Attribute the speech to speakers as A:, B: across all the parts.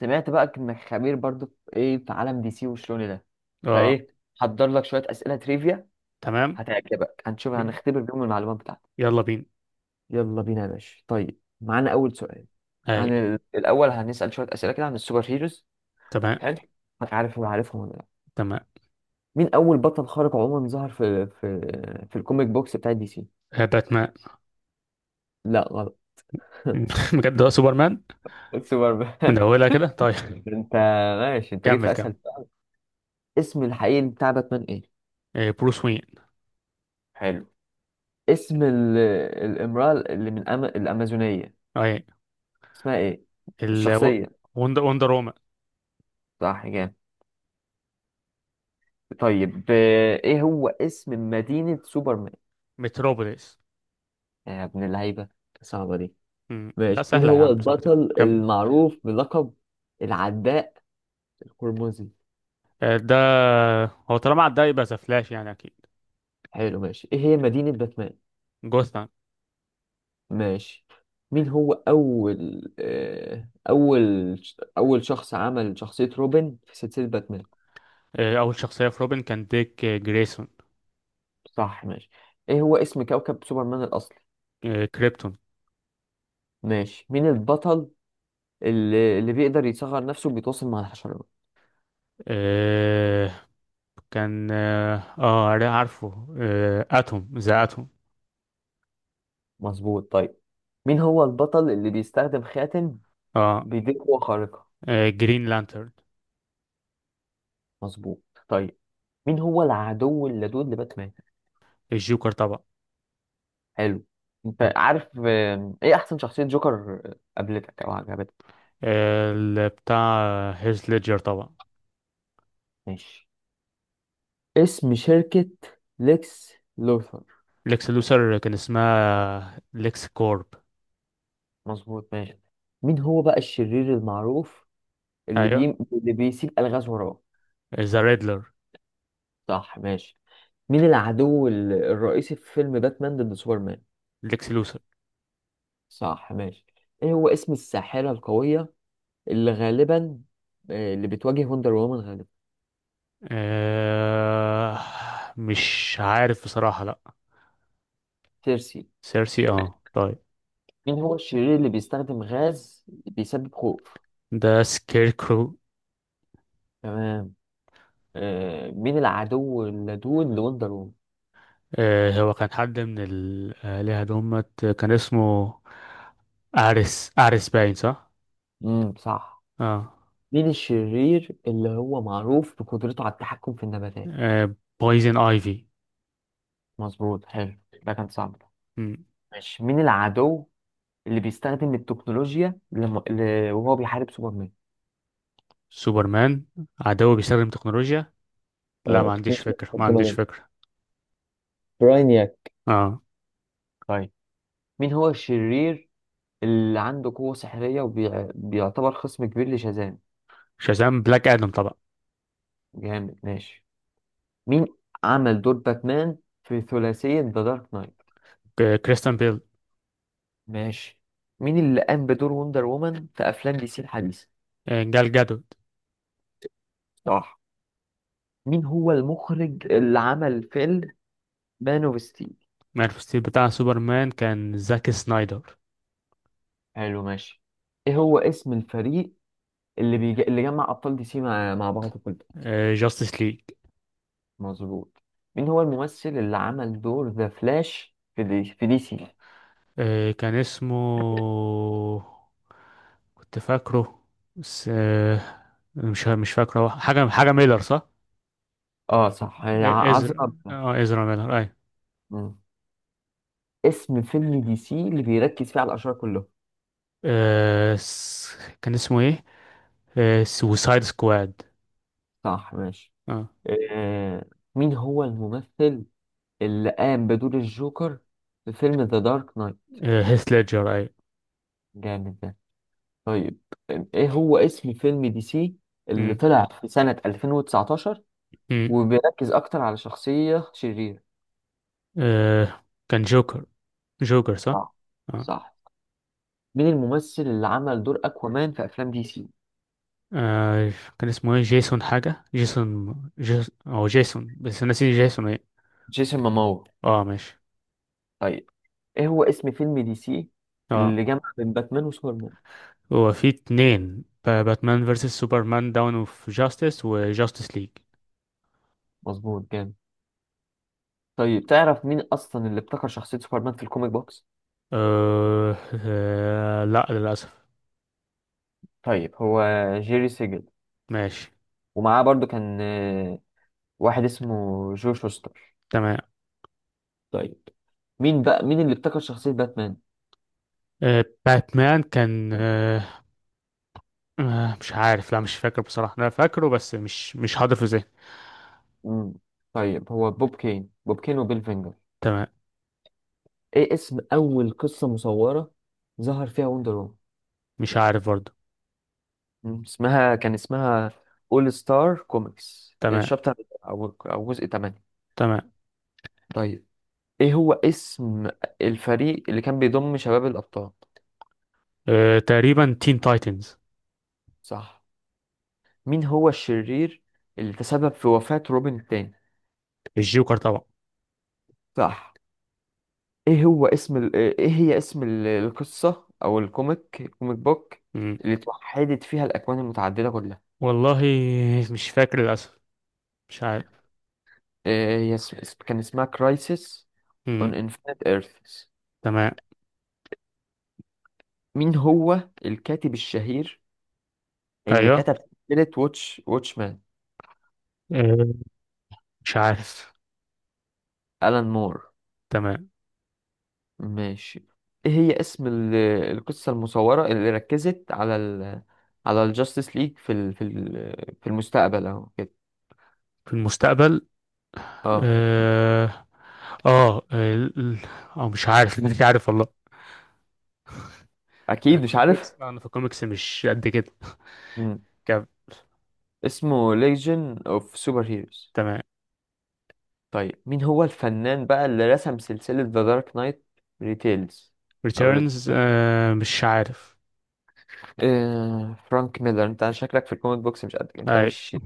A: سمعت بقى انك خبير برضو في ايه في عالم دي سي وشلون ده
B: اه.
A: فايه. حضر لك شويه اسئله تريفيا
B: تمام.
A: هتعجبك. هنشوف هنختبر بيهم المعلومات بتاعتك.
B: يلا بينا.
A: يلا بينا يا باشا. طيب معانا اول سؤال
B: اي.
A: عن الاول. هنسال شويه اسئله كده عن السوبر هيروز.
B: تمام.
A: حلو. هتعرف ولا عارفهم ولا لا؟
B: تمام.
A: مين اول بطل خارق عموما ظهر في في الكوميك بوكس بتاع دي سي؟
B: باتمان.
A: لا غلط.
B: بجد، هو سوبرمان.
A: سوبر مان.
B: من اولها كده. طيب،
A: انت ماشي، انت جيت
B: كمل
A: في
B: كمل.
A: اسهل. اسم الحقيقي بتاع باتمان ايه؟
B: بروس وين.
A: حلو. اسم الامرأة اللي من الأمازونية
B: اي.
A: اسمها ايه؟
B: ال
A: الشخصية.
B: وندر وومن.
A: صح، جامد. طيب، ايه هو اسم مدينة سوبرمان؟
B: متروبوليس.
A: يا ابن اللعيبة، صعبة دي.
B: مم. لا،
A: ماشي، مين
B: سهله يا
A: هو
B: عم، صعبه إيه؟
A: البطل
B: كمل.
A: المعروف بلقب العداء القرمزي؟
B: ده هو، طالما عدى يبقى ذا فلاش، يعني اكيد.
A: حلو ماشي. ايه هي مدينة باتمان؟
B: جوثام.
A: ماشي. مين هو أول أول أول شخص عمل شخصية روبن في سلسلة باتمان؟
B: اول شخصيه في روبن كان ديك جريسون.
A: صح ماشي. ايه هو اسم كوكب سوبرمان الأصلي؟
B: كريبتون.
A: ماشي. مين البطل اللي بيقدر يصغر نفسه وبيتواصل مع الحشرات؟
B: آه، كان عارفه، اتوم، ذا اتوم.
A: مظبوط طيب. مين هو البطل اللي بيستخدم خاتم
B: اه.
A: بيديه قوة خارقة؟
B: جرين لانترن.
A: مظبوط. طيب، مين هو العدو اللدود لباتمان؟
B: الجوكر طبعا.
A: حلو. انت عارف، ايه احسن شخصية جوكر قابلتك او عجبتك؟
B: بتاع هيث ليدجر طبعا.
A: ماشي. اسم شركة ليكس لوثر؟
B: ليكس لوثر كان اسمها ليكس كورب.
A: مظبوط ماشي. مين هو بقى الشرير المعروف اللي بي...
B: ايوه.
A: اللي بيسيب الغاز وراه؟
B: ذا ريدلر.
A: صح ماشي. مين العدو الرئيسي في فيلم باتمان ضد سوبرمان؟
B: ليكس لوثر.
A: صح ماشي. ايه هو اسم الساحرة القوية اللي غالبا، اللي بتواجه وندر وومن غالبا؟
B: آه، مش عارف بصراحة. لا.
A: سيرسي.
B: سيرسي، اه طيب.
A: مين هو الشرير اللي بيستخدم غاز بيسبب خوف؟
B: ده سكير كرو.
A: تمام. مين العدو اللدود لوندر وومن؟
B: هو كان حد من الآلهة، دمت كان اسمه أريس. أريس، باين صح؟
A: صح.
B: اه.
A: مين الشرير اللي هو معروف بقدرته على التحكم في النباتات؟
B: بويزن ايفي.
A: مظبوط حلو، ده كان صعب ده. ماشي، مين العدو اللي بيستخدم التكنولوجيا لم... ل... وهو بيحارب سوبرمان؟
B: سوبرمان، عدو بيستخدم تكنولوجيا. لا،
A: اه
B: ما عنديش
A: تكنيسيا
B: فكرة، ما
A: ربنا
B: عنديش
A: جدا.
B: فكرة.
A: براينياك.
B: اه.
A: طيب، مين هو الشرير اللي عنده قوة سحرية وبيعتبر خصم كبير لشازام؟
B: شازام، بلاك ادم طبعا.
A: جامد ماشي. مين عمل دور باتمان في ثلاثية ذا دارك نايت؟
B: كريستيان بيل.
A: ماشي. مين اللي قام بدور وندر وومن في أفلام دي سي الحديثة؟
B: جال جادوت.
A: صح. مين هو المخرج اللي عمل فيلم مان اوف ستيل؟
B: مان اوف ستيل بتاع سوبرمان كان زاك سنايدر.
A: حلو ماشي. ايه هو اسم الفريق اللي جمع أبطال دي سي مع بعض كلهم؟
B: جاستس ليج.
A: مظبوط. مين هو الممثل اللي عمل دور ذا فلاش في دي سي؟
B: كان اسمه، كنت فاكره، بس مش فاكره. حاجة ميلر صح؟
A: اه صح، عذرا.
B: ازرا، اه ازرا ميلر. اي.
A: مم. اسم فيلم دي سي اللي بيركز فيه على الأشرار كلهم؟
B: كان اسمه ايه؟ سوسايد سكواد.
A: صح ماشي.
B: اه.
A: آه. مين هو الممثل اللي قام بدور الجوكر في فيلم ذا دارك نايت؟
B: هيث ليدجر. اي.
A: جامد ده. طيب، ايه هو اسم فيلم دي سي اللي
B: مم،
A: طلع في سنة 2019
B: مم.
A: وبيركز اكتر على شخصية شريرة؟
B: آه، كان جوكر، جوكر صح؟
A: صح.
B: اه.
A: صح. مين الممثل اللي عمل دور اكوامان في افلام دي سي؟
B: آه، كان اسمه ايه؟ جيسون حاجة، او جيسون، بس أنا نسيت جيسون ايه.
A: جيسون ماموا.
B: اه ماشي
A: طيب، ايه هو اسم فيلم دي سي
B: اه.
A: اللي جمع بين باتمان وسوبرمان؟
B: هو في اتنين، باتمان فيرسس سوبرمان داون اوف جاستس، وجاستس ليج.
A: مظبوط جامد. طيب، تعرف مين اصلا اللي ابتكر شخصية سوبرمان في الكوميك بوكس؟
B: لا، للأسف.
A: طيب هو جيري سيجل،
B: ماشي.
A: ومعاه برضو كان واحد اسمه جو شوستر.
B: تمام.
A: طيب، مين بقى اللي ابتكر شخصية باتمان؟
B: باتمان كان مش عارف. لا، مش فاكر بصراحة، أنا فاكره بس مش حاضر في ذهني.
A: مم. طيب هو بوب كين، بوب كين وبيل فينجر.
B: تمام.
A: ايه اسم اول قصة مصورة ظهر فيها وندر وومن؟
B: مش عارف برضه.
A: مم. كان اسمها اول ستار كوميكس
B: تمام.
A: شابتر، او جزء 8.
B: تمام.
A: طيب، ايه هو اسم الفريق اللي كان بيضم شباب الابطال؟
B: تقريبا تين تايتنز.
A: صح. مين هو الشرير اللي تسبب في وفاة روبن التاني؟
B: الجوكر طبعا.
A: صح. ايه هو اسم ايه هي اسم القصة او الكوميك بوك
B: مم.
A: اللي توحدت فيها الاكوان المتعددة كلها؟
B: والله، مش فاكر للأسف. مش عارف.
A: إيه هي كان اسمها كرايسيس
B: مم.
A: اون انفينيت ايرث.
B: تمام.
A: مين هو الكاتب الشهير اللي
B: أيوه.
A: كتب سلسلة واتشمان؟
B: آه، مش عارف.
A: ألان مور.
B: تمام.
A: ماشي. ايه هي اسم القصة المصورة اللي ركزت على ال، على الجاستس ليج في ال في ال في المستقبل اهو كده؟
B: في المستقبل.
A: اه.
B: آه آه ال- ال- أو مش عارف. مش عارف والله. أنا
A: اكيد
B: في
A: مش عارف.
B: الكوميكس أنا في الكوميكس مش قد كده.
A: مم.
B: كم.
A: اسمه ليجن اوف سوبر هيروز.
B: تمام.
A: طيب، مين هو الفنان بقى اللي رسم سلسلة ذا دارك نايت ريتيلز؟ او ريت...
B: ريتيرنز، آه مش عارف.
A: آه... فرانك ميلر. انت شكلك في الكوميك بوكس مش قد، انت
B: أي.
A: مش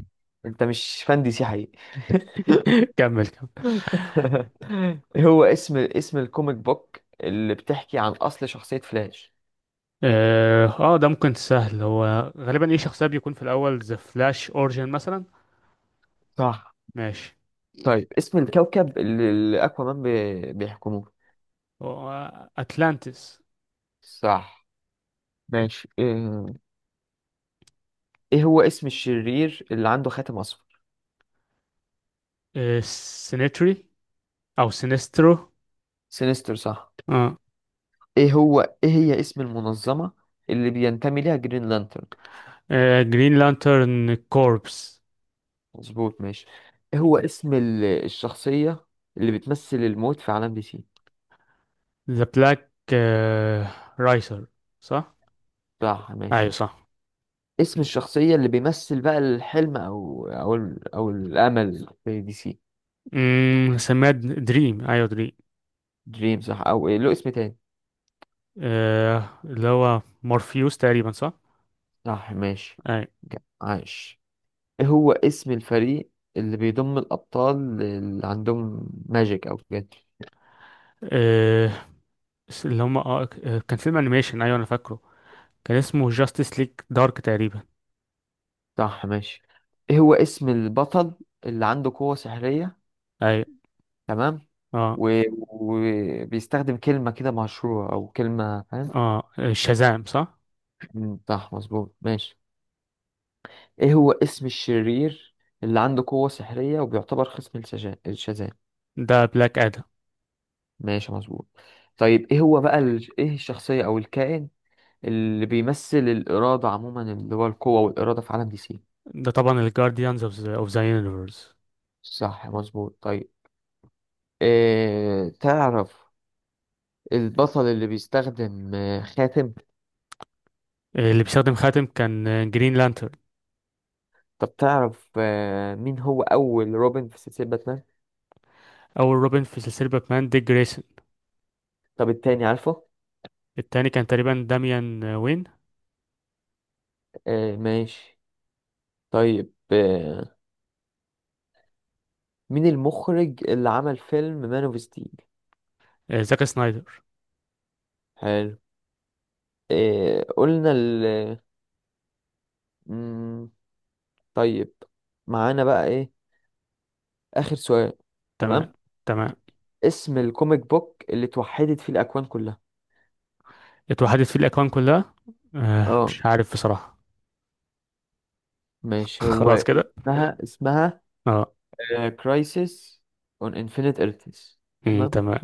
A: انت مش فان دي سي حقيقي.
B: كمل كمل.
A: هو اسم الكوميك بوك اللي بتحكي عن أصل شخصية فلاش؟
B: اه. ده ممكن سهل. هو غالبا ايه شخصية بيكون في الأول؟ ذا فلاش أورجن مثلا.
A: صح.
B: ماشي.
A: طيب، اسم الكوكب اللي أكوامان بيحكموه؟
B: هو أتلانتس.
A: صح ماشي. إيه، إيه هو اسم الشرير اللي عنده خاتم أصفر؟
B: آه، سينيتري، او سينسترو.
A: سينستر، صح.
B: اه.
A: إيه هو، إيه هي اسم المنظمة اللي بينتمي ليها جرين لانترن؟
B: جرين لانترن كوربس.
A: مظبوط ماشي. إيه هو اسم الشخصية اللي بتمثل الموت في عالم دي سي؟
B: ذا بلاك رايسر، صح.
A: صح
B: ايوه
A: ماشي.
B: صح.
A: اسم الشخصية اللي بيمثل بقى الحلم أو أو الأمل في دي سي؟
B: سميها دريم، ايوه دريم.
A: دريم، صح. أو إيه له اسم تاني؟
B: آه، اللي هو مورفيوس تقريبا، صح.
A: صح ماشي.
B: ايوه.
A: جا- عاش. إيه هو اسم الفريق اللي بيضم الأبطال اللي عندهم ماجيك أو كده؟
B: آه اللي هم آه آه، كان فيلم انيميشن، ايوه انا فاكره، كان اسمه جاستس ليج دارك تقريبا.
A: صح ماشي. إيه هو اسم البطل اللي عنده قوة سحرية؟
B: ايوه.
A: تمام.
B: اه.
A: وبيستخدم كلمة كده مشهورة أو كلمة، فاهم؟
B: اه، شازام صح.
A: مم، صح مظبوط ماشي. ايه هو اسم الشرير اللي عنده قوة سحرية وبيعتبر خصم الشاذان؟
B: ده بلاك ادم.
A: ماشي مظبوط. طيب، ايه هو بقى ايه الشخصية او الكائن اللي بيمثل الإرادة عموما، اللي هو القوة والإرادة في عالم دي سي؟
B: ده طبعا الجارديانز اوف ذا يونيفرس.
A: صح مظبوط. طيب، إيه تعرف البطل اللي بيستخدم خاتم؟
B: اللي بيستخدم خاتم كان جرين لانترن.
A: طب تعرف مين هو أول روبن في سلسلة باتمان؟
B: أول روبن في سلسلة باتمان ديك جريسون.
A: طب التاني عارفه؟
B: التاني كان تقريبا داميان وين.
A: ماشي. طيب مين المخرج اللي عمل فيلم مان اوف ستيل؟
B: زاك سنايدر.
A: إيه قلنا ال، مم، طيب معانا بقى ايه اخر سؤال.
B: تمام.
A: تمام.
B: تمام.
A: اسم الكوميك بوك اللي اتوحدت فيه الاكوان كلها؟
B: اتوحدت فيه الأكوان كلها. آه
A: اه
B: مش عارف بصراحة.
A: ماشي، هو
B: خلاص كده.
A: اسمها
B: اه.
A: كرايسيس اون انفينيت ايرثز. تمام.
B: تمام.